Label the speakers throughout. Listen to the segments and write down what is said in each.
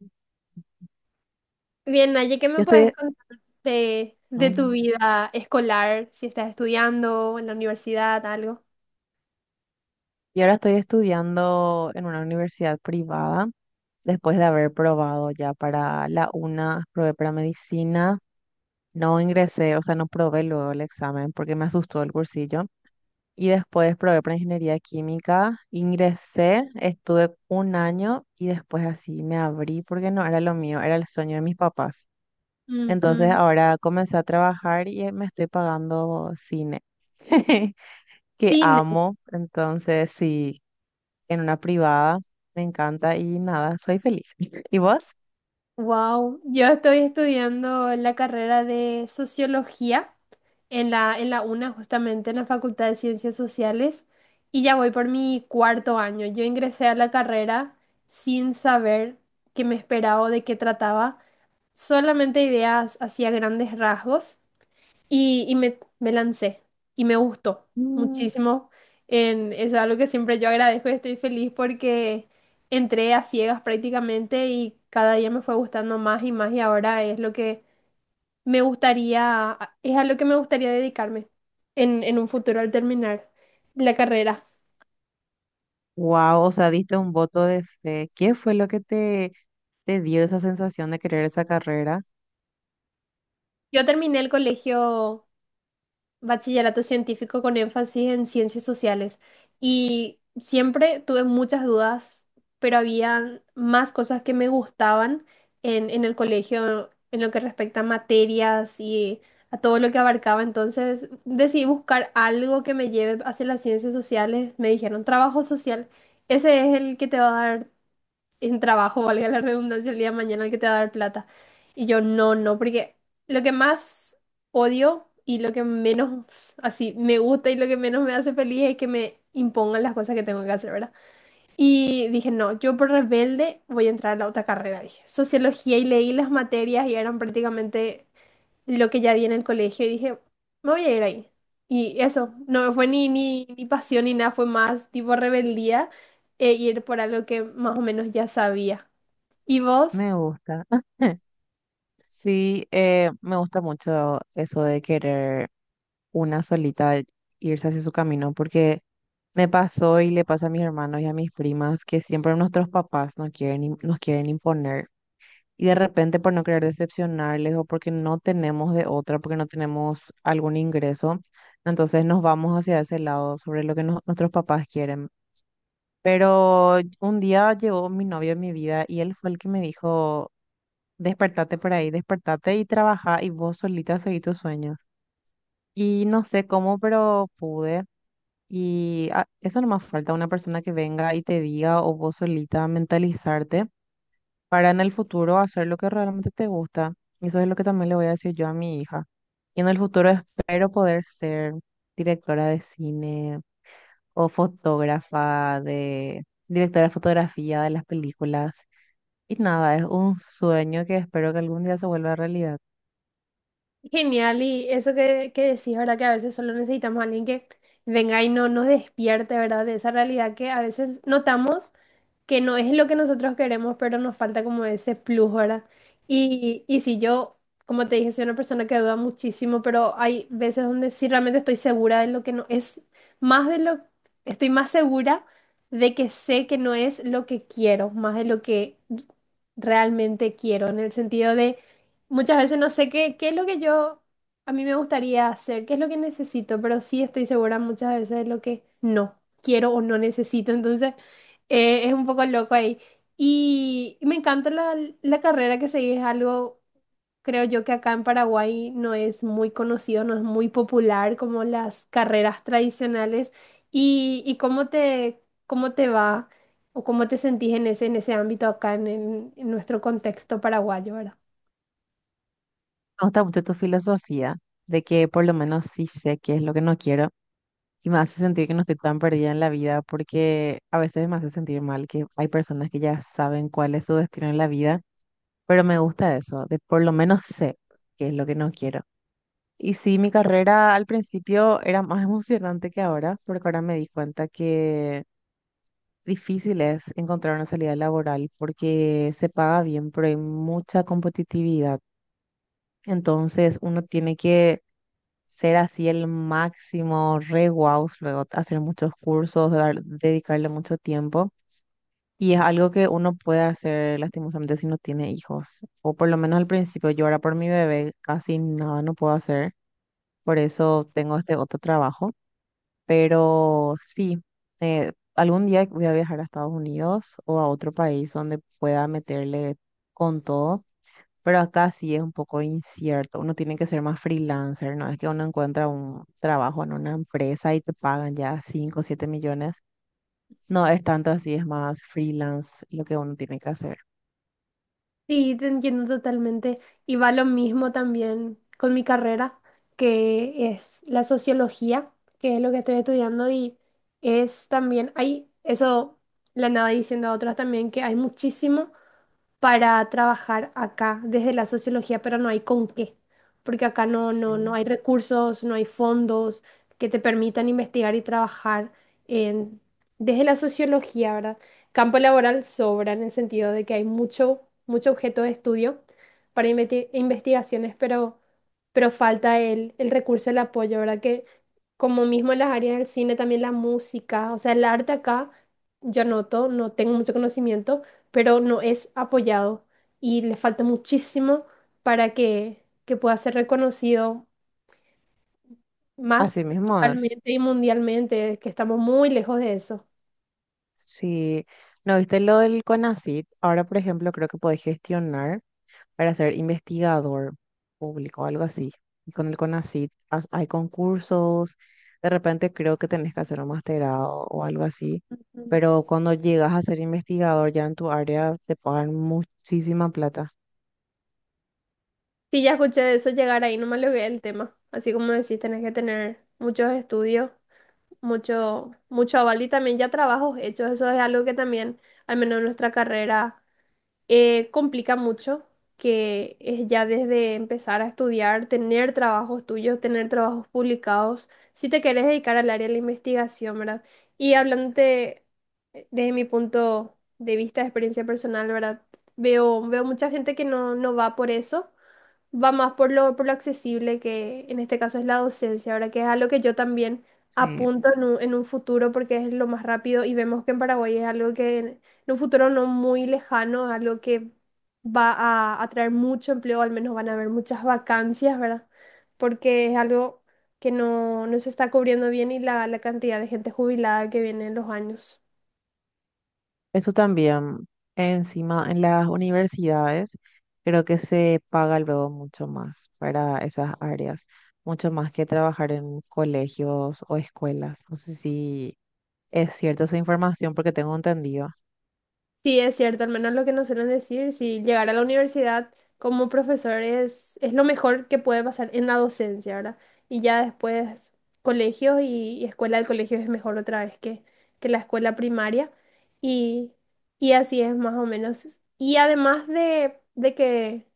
Speaker 1: Yo
Speaker 2: Bien, Naye, ¿qué me
Speaker 1: estoy,
Speaker 2: puedes contar de tu
Speaker 1: mm,
Speaker 2: vida escolar? Si estás estudiando en la universidad, algo.
Speaker 1: y ahora estoy estudiando en una universidad privada, después de haber probado ya para la UNA, probé para medicina, no ingresé, o sea, no probé luego el examen porque me asustó el cursillo. Y después probé para ingeniería química, ingresé, estuve un año y después así me abrí porque no era lo mío, era el sueño de mis papás. Entonces
Speaker 2: Ujú.
Speaker 1: ahora comencé a trabajar y me estoy pagando cine. que
Speaker 2: Cine.
Speaker 1: amo. Entonces, sí, en una privada me encanta y nada, soy feliz. ¿Y vos?
Speaker 2: Wow. Yo estoy estudiando la carrera de sociología en la UNA, justamente en la Facultad de Ciencias Sociales, y ya voy por mi cuarto año. Yo ingresé a la carrera sin saber qué me esperaba o de qué trataba, solamente ideas hacia grandes rasgos. Me lancé y me gustó muchísimo. Eso es algo que siempre yo agradezco y estoy feliz porque entré a ciegas prácticamente y cada día me fue gustando más y más y ahora es lo que me gustaría, es a lo que me gustaría dedicarme en un futuro al terminar la carrera.
Speaker 1: Wow, o sea, diste un voto de fe. ¿Qué fue lo que te dio esa sensación de querer esa carrera?
Speaker 2: Yo terminé el colegio bachillerato científico con énfasis en ciencias sociales y siempre tuve muchas dudas, pero había más cosas que me gustaban en el colegio en lo que respecta a materias y a todo lo que abarcaba. Entonces decidí buscar algo que me lleve hacia las ciencias sociales. Me dijeron trabajo social, ese es el que te va a dar en trabajo, valga la redundancia, el día de mañana el que te va a dar plata. Y yo, no, no, porque lo que más odio y lo que menos así me gusta y lo que menos me hace feliz es que me impongan las cosas que tengo que hacer, ¿verdad? Y dije, no, yo por rebelde voy a entrar a la otra carrera, dije, sociología y leí las materias y eran prácticamente lo que ya vi en el colegio y dije, me voy a ir ahí. Y eso, no fue ni pasión ni nada, fue más tipo rebeldía e ir por algo que más o menos ya sabía. ¿Y vos?
Speaker 1: Me gusta. Sí, me gusta mucho eso de querer una solita irse hacia su camino, porque me pasó y le pasa a mis hermanos y a mis primas que siempre nuestros papás nos quieren, nos quieren imponer. Y de repente por no querer decepcionarles o porque no tenemos de otra, porque no tenemos algún ingreso, entonces nos vamos hacia ese lado sobre lo que nuestros papás quieren. Pero un día llegó mi novio en mi vida y él fue el que me dijo, despertate por ahí, despertate y trabaja y vos solita seguí tus sueños. Y no sé cómo, pero pude. Y ah, eso nomás falta una persona que venga y te diga o vos solita mentalizarte para en el futuro hacer lo que realmente te gusta. Y eso es lo que también le voy a decir yo a mi hija. Y en el futuro espero poder ser directora de cine o fotógrafa de, directora de fotografía de las películas. Y nada, es un sueño que espero que algún día se vuelva realidad.
Speaker 2: Genial, y eso que decís, ¿verdad? Que a veces solo necesitamos a alguien que venga y no nos despierte, ¿verdad? De esa realidad que a veces notamos, que no es lo que nosotros queremos, pero nos falta como ese plus, ¿verdad? Y si yo, como te dije, soy una persona que duda muchísimo, pero hay veces donde sí realmente estoy segura de lo que no es, más de lo, estoy más segura de que sé que no es lo que quiero, más de lo que realmente quiero, en el sentido de muchas veces no sé qué es lo que yo, a mí me gustaría hacer, qué es lo que necesito, pero sí estoy segura muchas veces de lo que no quiero o no necesito, entonces... Es un poco loco ahí. Y me encanta la carrera que seguís, es algo, creo yo que acá en Paraguay no es muy conocido, no es muy popular como las carreras tradicionales. ¿ cómo te va o cómo te sentís en ese ámbito acá en nuestro contexto paraguayo, ¿verdad?
Speaker 1: Me gusta mucho tu filosofía de que por lo menos sí sé qué es lo que no quiero. Y me hace sentir que no estoy tan perdida en la vida porque a veces me hace sentir mal que hay personas que ya saben cuál es su destino en la vida, pero me gusta eso, de por lo menos sé qué es lo que no quiero. Y sí, mi carrera al principio era más emocionante que ahora, porque ahora me di cuenta que difícil es encontrar una salida laboral porque se paga bien, pero hay mucha competitividad. Entonces uno tiene que ser así el máximo, re guau, luego hacer muchos cursos, dedicarle mucho tiempo. Y es algo que uno puede hacer lastimosamente si no tiene hijos, o por lo menos al principio. Yo ahora por mi bebé casi nada no puedo hacer, por eso tengo este otro trabajo. Pero sí, algún día voy a viajar a Estados Unidos o a otro país donde pueda meterle con todo, pero acá sí es un poco incierto. Uno tiene que ser más freelancer, ¿no? Es que uno encuentra un trabajo en una empresa y te pagan ya 5, o 7 millones. No es tanto así, es más freelance lo que uno tiene que hacer.
Speaker 2: Sí, te entiendo totalmente. Y va lo mismo también con mi carrera, que es la sociología, que es lo que estoy estudiando y es también, hay, eso le andaba diciendo a otras también, que hay muchísimo para trabajar acá desde la sociología, pero no hay con qué, porque acá no
Speaker 1: Sí.
Speaker 2: hay recursos, no hay fondos que te permitan investigar y trabajar en, desde la sociología, ¿verdad? Campo laboral sobra en el sentido de que hay mucho, mucho objeto de estudio para investigaciones, pero falta el recurso, el apoyo, ¿verdad? Que como mismo en las áreas del cine, también la música, o sea, el arte acá, yo noto, no tengo mucho conocimiento pero no es apoyado y le falta muchísimo para que pueda ser reconocido más
Speaker 1: Así mismo es.
Speaker 2: localmente y mundialmente, que estamos muy lejos de eso.
Speaker 1: Sí, ¿no viste lo del CONACYT? Ahora, por ejemplo, creo que podés gestionar para ser investigador público o algo así. Y con el CONACYT hay concursos, de repente creo que tenés que hacer un masterado o algo así,
Speaker 2: Ujú.
Speaker 1: pero cuando llegas a ser investigador ya en tu área te pagan muchísima plata.
Speaker 2: Sí, ya escuché de eso llegar ahí, no me logré el tema. Así como decís, tenés que tener muchos estudios, mucho, mucho aval y también ya trabajos hechos. Eso es algo que también, al menos en nuestra carrera, complica mucho, que es ya desde empezar a estudiar, tener trabajos tuyos, tener trabajos publicados, si te querés dedicar al área de la investigación, ¿verdad? Y hablándote desde mi punto de vista, de experiencia personal, ¿verdad? Veo mucha gente que no va por eso, va más por por lo accesible que en este caso es la docencia, ahora que es algo que yo también
Speaker 1: Sí.
Speaker 2: apunto en en un futuro porque es lo más rápido y vemos que en Paraguay es algo que en un futuro no muy lejano, es algo que va a atraer mucho empleo, al menos van a haber muchas vacancias, ¿verdad? Porque es algo que no se está cubriendo bien y la cantidad de gente jubilada que viene en los años.
Speaker 1: Eso también, encima en las universidades, creo que se paga luego mucho más para esas áreas, mucho más que trabajar en colegios o escuelas. No sé si es cierta esa información porque tengo entendido.
Speaker 2: Sí, es cierto, al menos lo que nos suelen decir, si llegar a la universidad como profesor es lo mejor que puede pasar en la docencia, ¿verdad? Y ya después colegios y escuela del colegio es mejor otra vez que la escuela primaria y, y así es más o menos. Y además de que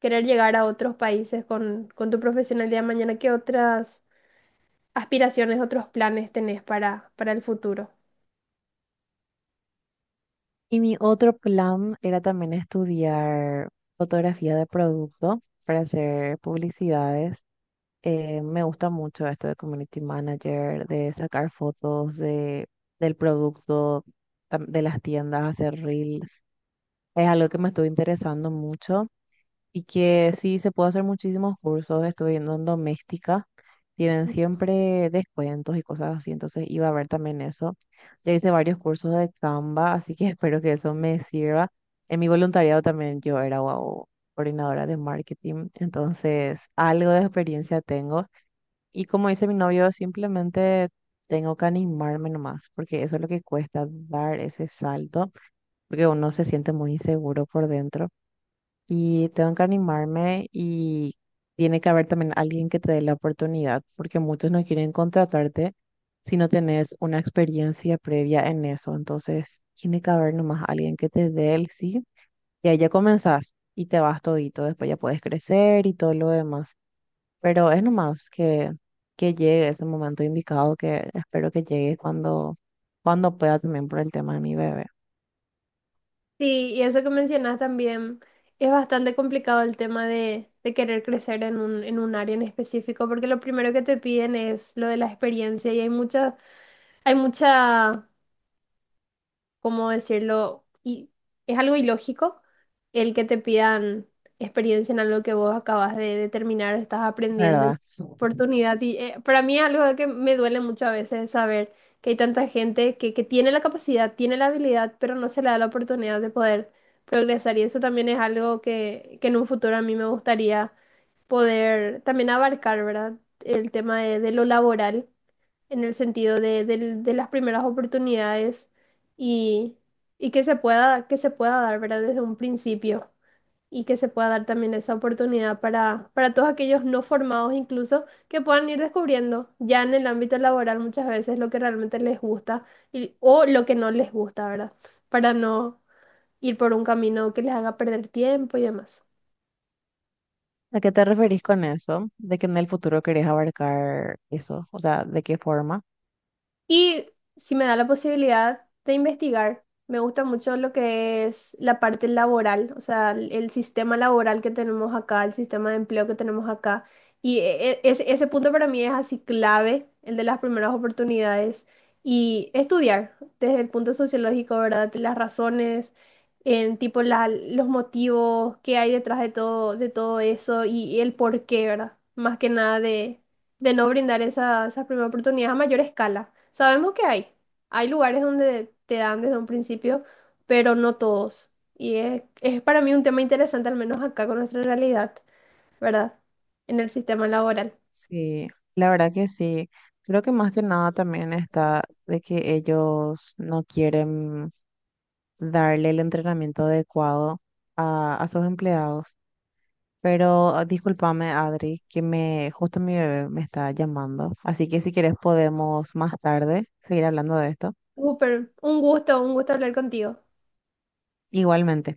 Speaker 2: querer llegar a otros países con tu profesionalidad mañana, ¿qué otras aspiraciones, otros planes tenés para el futuro?
Speaker 1: Y mi otro plan era también estudiar fotografía de producto para hacer publicidades, me gusta mucho esto de community manager, de sacar fotos de, del producto, de las tiendas, hacer reels. Es algo que me estuvo interesando mucho y que sí se puede hacer muchísimos cursos. Estuve viendo en doméstica, tienen siempre descuentos y cosas así, entonces iba a ver también eso. Ya hice varios cursos de Canva, así que espero que eso me sirva. En mi voluntariado también yo era wow, coordinadora de marketing, entonces algo de experiencia tengo. Y como dice mi novio, simplemente tengo que animarme nomás, porque eso es lo que cuesta dar ese salto, porque uno se siente muy inseguro por dentro. Y tengo que animarme y tiene que haber también alguien que te dé la oportunidad, porque muchos no quieren contratarte si no tenés una experiencia previa en eso. Entonces, tiene que haber nomás alguien que te dé el sí, y ahí ya comenzás y te vas todito, después ya puedes crecer y todo lo demás. Pero es nomás que llegue ese momento indicado que espero que llegue cuando, cuando pueda también por el tema de mi bebé,
Speaker 2: Sí, y eso que mencionas también es bastante complicado el tema de querer crecer en en un área en específico, porque lo primero que te piden es lo de la experiencia y hay mucha, hay mucha, ¿cómo decirlo? Y es algo ilógico el que te pidan experiencia en algo que vos acabas de terminar, estás aprendiendo, y
Speaker 1: ¿verdad?
Speaker 2: oportunidad. Y para mí es algo que me duele mucho a veces saber que hay tanta gente que tiene la capacidad, tiene la habilidad, pero no se le da la oportunidad de poder progresar. Y eso también es algo que en un futuro a mí me gustaría poder también abarcar, ¿verdad? El tema de lo laboral en el sentido de, de las primeras oportunidades y, y que se pueda dar, ¿verdad? Desde un principio y que se pueda dar también esa oportunidad para todos aquellos no formados incluso que puedan ir descubriendo ya en el ámbito laboral muchas veces lo que realmente les gusta o lo que no les gusta, ¿verdad? Para no ir por un camino que les haga perder tiempo y demás.
Speaker 1: ¿A qué te referís con eso? ¿De que en el futuro querés abarcar eso? O sea, ¿de qué forma?
Speaker 2: Y si me da la posibilidad de investigar, me gusta mucho lo que es la parte laboral, o sea, el sistema laboral que tenemos acá, el sistema de empleo que tenemos acá. Y ese punto para mí es así clave, el de las primeras oportunidades. Y estudiar desde el punto sociológico, ¿verdad? Las razones, en tipo los motivos, qué hay detrás de todo eso y el por qué, ¿verdad? Más que nada de no brindar esa primera oportunidad a mayor escala. Sabemos que hay lugares donde te dan desde un principio, pero no todos. Y es para mí un tema interesante, al menos acá con nuestra realidad, ¿verdad? En el sistema laboral.
Speaker 1: Sí, la verdad que sí. Creo que más que nada también está de que ellos no quieren darle el entrenamiento adecuado a sus empleados. Pero ah, discúlpame, Adri, que me justo mi bebé me está llamando. Así que si quieres podemos más tarde seguir hablando de esto.
Speaker 2: Súper, un gusto hablar contigo.
Speaker 1: Igualmente.